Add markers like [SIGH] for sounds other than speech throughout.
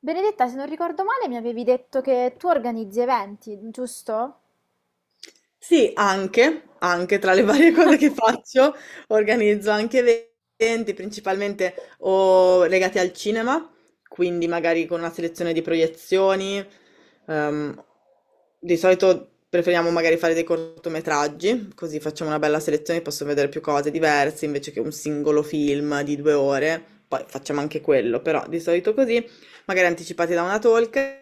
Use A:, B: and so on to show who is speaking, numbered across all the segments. A: Benedetta, se non ricordo male, mi avevi detto che tu organizzi eventi, giusto?
B: Sì, anche tra le [LAUGHS] varie cose che faccio, organizzo anche eventi, principalmente o legati al cinema, quindi magari con una selezione di proiezioni. ehm, di solito preferiamo magari fare dei cortometraggi, così facciamo una bella selezione, posso vedere più cose diverse invece che un singolo film di 2 ore. Poi facciamo anche quello, però di solito così, magari anticipati da una talk.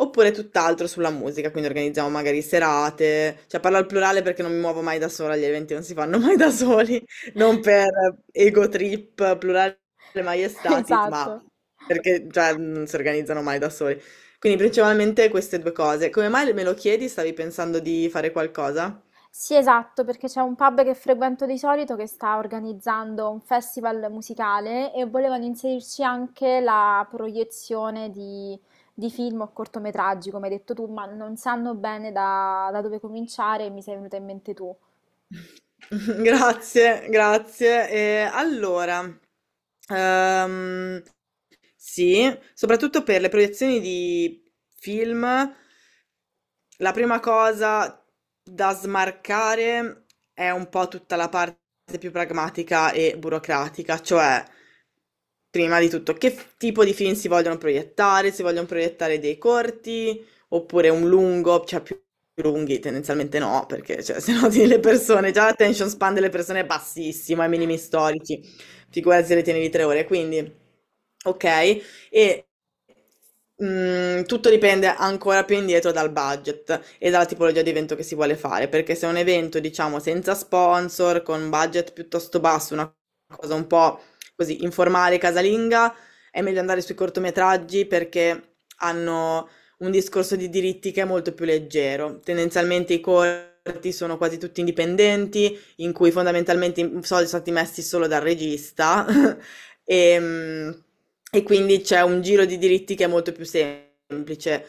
B: Oppure tutt'altro sulla musica, quindi organizziamo magari serate, cioè parlo al plurale perché non mi muovo mai da sola, gli eventi non si fanno mai da soli, non per ego trip, plurale
A: [LAUGHS]
B: maiestatis, ma
A: Esatto.
B: perché cioè, non si organizzano mai da soli. Quindi principalmente queste due cose. Come mai me lo chiedi? Stavi pensando di fare qualcosa?
A: Sì, esatto, perché c'è un pub che frequento di solito che sta organizzando un festival musicale e volevano inserirci anche la proiezione di, film o cortometraggi, come hai detto tu, ma non sanno bene da dove cominciare e mi sei venuta in mente tu.
B: [LAUGHS] Grazie, grazie. E allora, ehm, sì, soprattutto per le proiezioni di film, la prima cosa da smarcare è un po' tutta la parte più pragmatica e burocratica, cioè prima di tutto che tipo di film si vogliono proiettare dei corti, oppure un lungo, cioè più lunghi tendenzialmente no, perché cioè, [LAUGHS] se no tieni le
A: [LAUGHS]
B: persone, già l'attention span delle persone è bassissimo, ai minimi storici, figurati se le tieni di 3 ore, quindi ok, e tutto dipende ancora più indietro dal budget e dalla tipologia di evento che si vuole fare, perché se è un evento, diciamo, senza sponsor, con un budget piuttosto basso, una cosa un po' così informale, casalinga, è meglio andare sui cortometraggi perché hanno un discorso di diritti che è molto più leggero. Tendenzialmente i corti sono quasi tutti indipendenti, in cui fondamentalmente i soldi sono stati messi solo dal regista [LAUGHS] e, e quindi c'è un giro di diritti che è molto più semplice.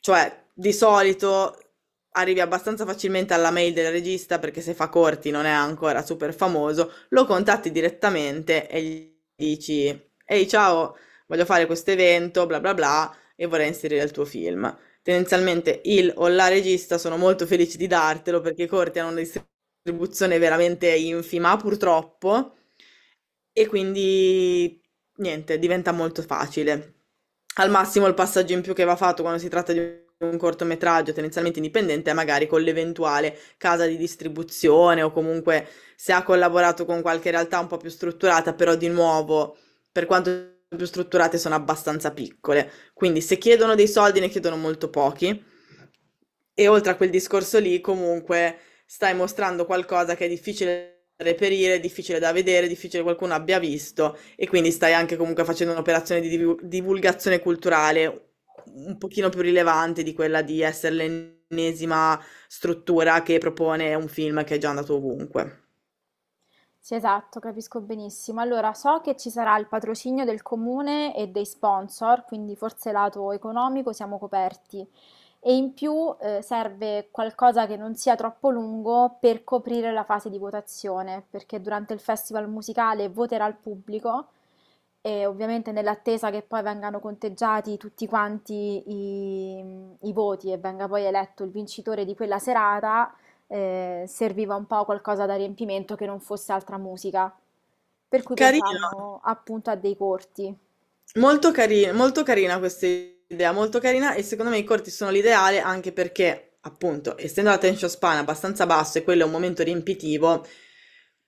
B: Cioè, di solito arrivi abbastanza facilmente alla mail del regista perché se fa corti non è ancora super famoso, lo contatti direttamente e gli dici: Ehi, ciao, voglio fare questo evento, bla bla bla, e vorrei inserire il tuo film. Tendenzialmente il o la regista sono molto felici di dartelo perché i corti hanno dei contribuzione veramente infima, purtroppo, e quindi niente, diventa molto facile. Al massimo il passaggio in più che va fatto quando si tratta di un cortometraggio tendenzialmente indipendente è magari con l'eventuale casa di distribuzione o comunque se ha collaborato con qualche realtà un po' più strutturata, però di nuovo, per quanto più strutturate sono abbastanza piccole. Quindi se chiedono dei soldi ne chiedono molto pochi. E oltre a quel discorso lì, comunque stai mostrando qualcosa che è difficile da reperire, difficile da vedere, difficile che qualcuno abbia visto e quindi stai anche comunque facendo un'operazione di divulgazione culturale un pochino più rilevante di quella di essere l'ennesima struttura che propone un film che è già andato ovunque.
A: Sì, esatto, capisco benissimo. Allora, so che ci sarà il patrocinio del comune e dei sponsor, quindi forse lato economico siamo coperti e in più serve qualcosa che non sia troppo lungo per coprire la fase di votazione, perché durante il festival musicale voterà il pubblico e ovviamente nell'attesa che poi vengano conteggiati tutti quanti i, voti e venga poi eletto il vincitore di quella serata, serviva un po' qualcosa da riempimento che non fosse altra musica. Per cui
B: Carino.
A: pensavamo appunto a dei corti.
B: Molto carina questa idea, molto carina e secondo me i corti sono l'ideale anche perché, appunto, essendo l'attention span abbastanza basso e quello è un momento riempitivo,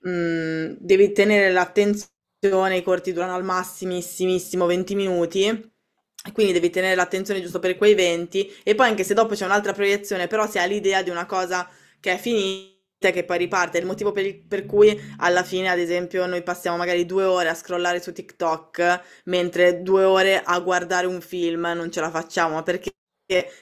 B: devi tenere l'attenzione, i corti durano al massimissimissimo 20 minuti, e quindi devi tenere l'attenzione giusto per quei 20 e poi anche se dopo c'è un'altra proiezione, però si ha l'idea di una cosa che è finita e che poi riparte, è il motivo per cui alla fine, ad esempio, noi passiamo magari 2 ore a scrollare su TikTok mentre 2 ore a guardare un film non ce la facciamo, ma perché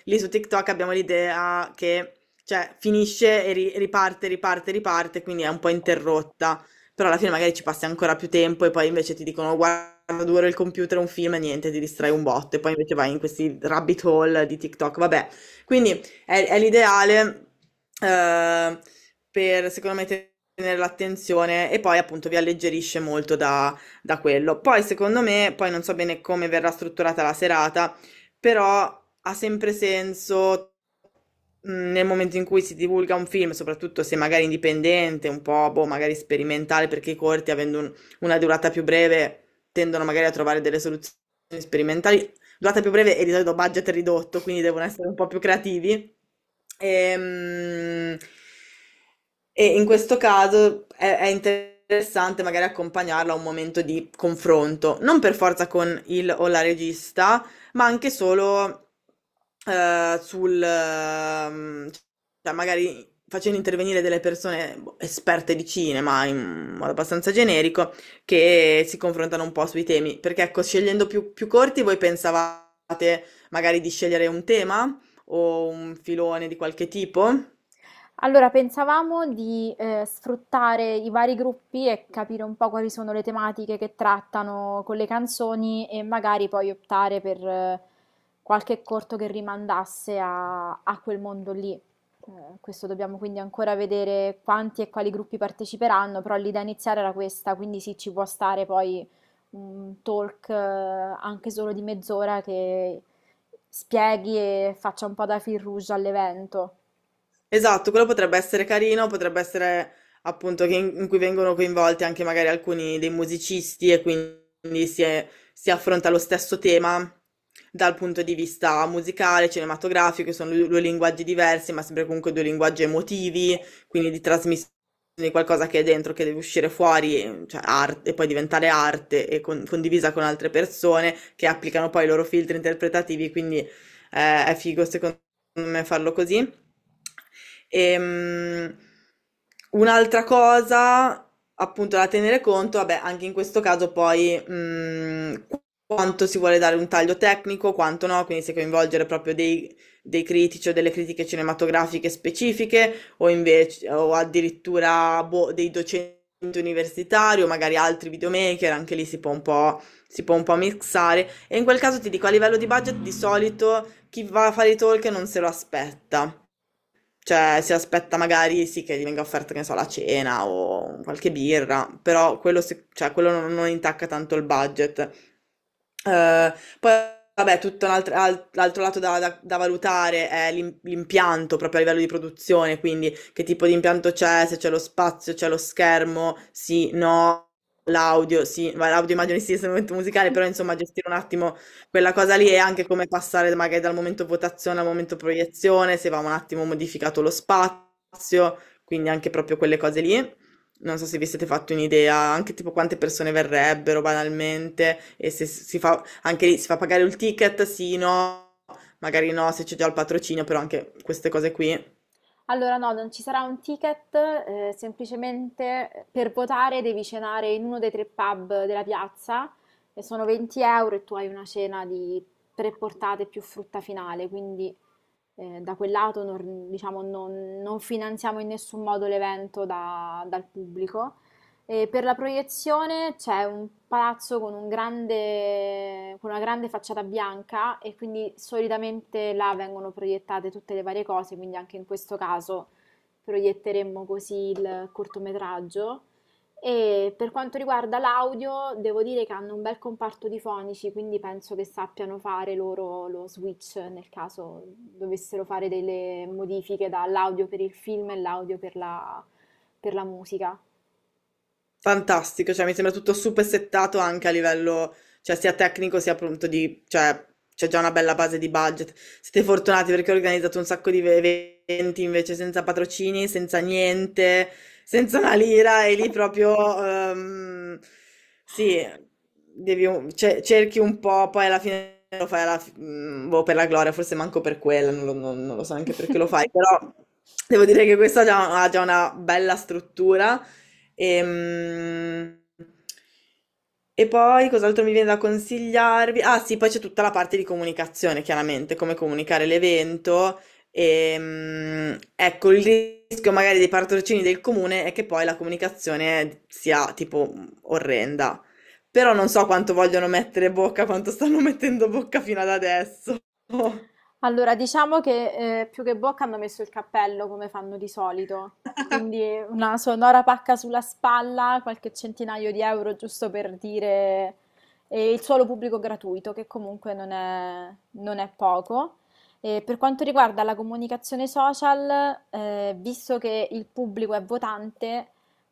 B: lì su TikTok abbiamo l'idea che cioè, finisce e riparte, riparte, riparte, quindi è un po' interrotta, però alla fine magari ci passi ancora più tempo e poi invece ti dicono guarda 2 ore il computer, un film e niente, ti distrai un botto e poi invece vai in questi rabbit hole di TikTok, vabbè, quindi è l'ideale eh, per secondo me tenere l'attenzione e poi appunto vi alleggerisce molto da quello. Poi, secondo me, poi non so bene come verrà strutturata la serata, però ha sempre senso nel momento in cui si divulga un film, soprattutto se magari indipendente, un po', boh, magari sperimentale, perché i corti, avendo una durata più breve, tendono magari a trovare delle soluzioni sperimentali durata più breve e di solito budget ridotto, quindi devono essere un po' più creativi. Ehm, E, in questo caso è interessante magari accompagnarlo a un momento di confronto, non per forza con il o la regista, ma anche solo eh, sul, ehm, cioè magari facendo intervenire delle persone boh, esperte di cinema in modo abbastanza generico che si confrontano un po' sui temi, perché ecco, scegliendo più corti, voi pensavate magari di scegliere un tema o un filone di qualche tipo?
A: Allora, pensavamo di sfruttare i vari gruppi e capire un po' quali sono le tematiche che trattano con le canzoni e magari poi optare per qualche corto che rimandasse a quel mondo lì. Questo dobbiamo quindi ancora vedere quanti e quali gruppi parteciperanno, però l'idea iniziale era questa, quindi sì, ci può stare poi un talk anche solo di mezz'ora che spieghi e faccia un po' da fil rouge all'evento.
B: Esatto, quello potrebbe essere carino, potrebbe essere appunto che in cui vengono coinvolti anche magari alcuni dei musicisti e quindi si affronta lo stesso tema dal punto di vista musicale, cinematografico, sono due linguaggi diversi, ma sempre comunque due linguaggi emotivi, quindi di trasmissione di qualcosa che è dentro, che deve uscire fuori, cioè arte, e poi diventare arte e condivisa con altre persone che applicano poi i loro filtri interpretativi, quindi è figo secondo me farlo così. Ehm, Un'altra cosa, appunto, da tenere conto, vabbè, anche in questo caso poi quanto si vuole dare un taglio tecnico, quanto no, quindi se coinvolgere proprio dei critici o delle critiche cinematografiche specifiche o invece o addirittura boh, dei docenti universitari o magari altri videomaker, anche lì si può un po', mixare. E in quel caso ti dico, a livello di budget, di solito chi va a fare i talk non se lo aspetta. Cioè, si aspetta magari sì che gli venga offerta, che ne so, la cena o qualche birra, però quello, cioè, quello non intacca tanto il budget. Eh, Poi, vabbè, tutto un l'altro lato da valutare è l'impianto proprio a livello di produzione, quindi che tipo di impianto c'è, se c'è lo spazio, c'è lo schermo, sì, no, l'audio, sì, ma l'audio immagino sia un strumento musicale, però insomma gestire un
A: [LAUGHS]
B: attimo quella cosa lì è anche come passare magari dal momento votazione al momento proiezione, se va un attimo modificato lo spazio, quindi anche proprio quelle cose lì. Non so se vi siete fatti un'idea, anche tipo quante persone verrebbero banalmente e se si fa anche lì si fa pagare il ticket, sì, no, magari no, se c'è già il patrocinio, però anche queste cose qui.
A: Allora no, non ci sarà un ticket, semplicemente per votare devi cenare in uno dei tre pub della piazza e sono 20 euro e tu hai una cena di tre portate più frutta finale, quindi da quel lato non, diciamo, non finanziamo in nessun modo l'evento dal pubblico. E per la proiezione c'è un palazzo con un grande, con una grande facciata bianca e quindi solitamente là vengono proiettate tutte le varie cose, quindi anche in questo caso proietteremmo così il cortometraggio. E per quanto riguarda l'audio, devo dire che hanno un bel comparto di fonici, quindi penso che sappiano fare loro lo switch nel caso dovessero fare delle modifiche dall'audio per il film e l'audio per la, musica.
B: Fantastico, cioè mi sembra tutto super settato anche a livello, cioè sia tecnico sia appunto di, cioè c'è già una bella base di budget. Siete fortunati perché ho organizzato un sacco di eventi invece senza patrocini, senza niente, senza una lira e lì proprio ehm, sì, devi cerchi un po', poi alla fine lo fai boh, per la gloria, forse manco per quella, non lo so neanche perché lo fai,
A: [LAUGHS]
B: però devo dire che questa ha già una bella struttura. Ehm, E poi cos'altro mi viene da consigliarvi? Ah sì, poi c'è tutta la parte di comunicazione, chiaramente, come comunicare l'evento. Ecco, il rischio magari dei patrocini del comune è che poi la comunicazione sia tipo orrenda. Però non so quanto vogliono mettere bocca, quanto stanno [LAUGHS] mettendo bocca fino ad adesso. [LAUGHS]
A: Allora, diciamo che, più che bocca hanno messo il cappello come fanno di solito, quindi una sonora pacca sulla spalla, qualche centinaio di euro giusto per dire e il suolo pubblico gratuito, che comunque non è poco. E per quanto riguarda la comunicazione social, visto che il pubblico è votante,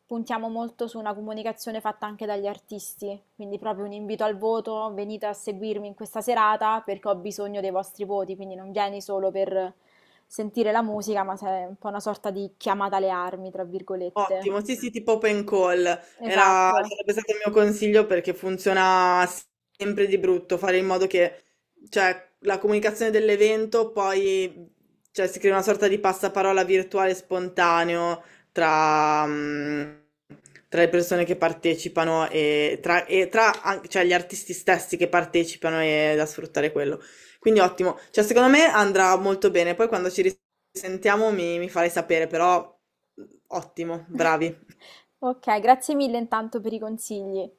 A: puntiamo molto su una comunicazione fatta anche dagli artisti, quindi proprio un invito al voto, venite a seguirmi in questa serata perché ho bisogno dei vostri voti, quindi non vieni solo per sentire la musica, ma sei un po' una sorta di chiamata alle armi, tra virgolette.
B: Ottimo, sì, sì, tipo open call. Era,
A: Esatto.
B: sarebbe stato il mio consiglio perché funziona sempre di brutto, fare in modo che, cioè, la comunicazione dell'evento poi, cioè, si crea una sorta di passaparola virtuale spontaneo tra, mm, tra le persone che partecipano e tra cioè, gli artisti stessi che partecipano e da sfruttare quello. Quindi ottimo, cioè, secondo me andrà molto bene. Poi quando ci sentiamo mi farai sapere, però ottimo,
A: [LAUGHS]
B: bravi.
A: Ok, grazie mille intanto per i consigli.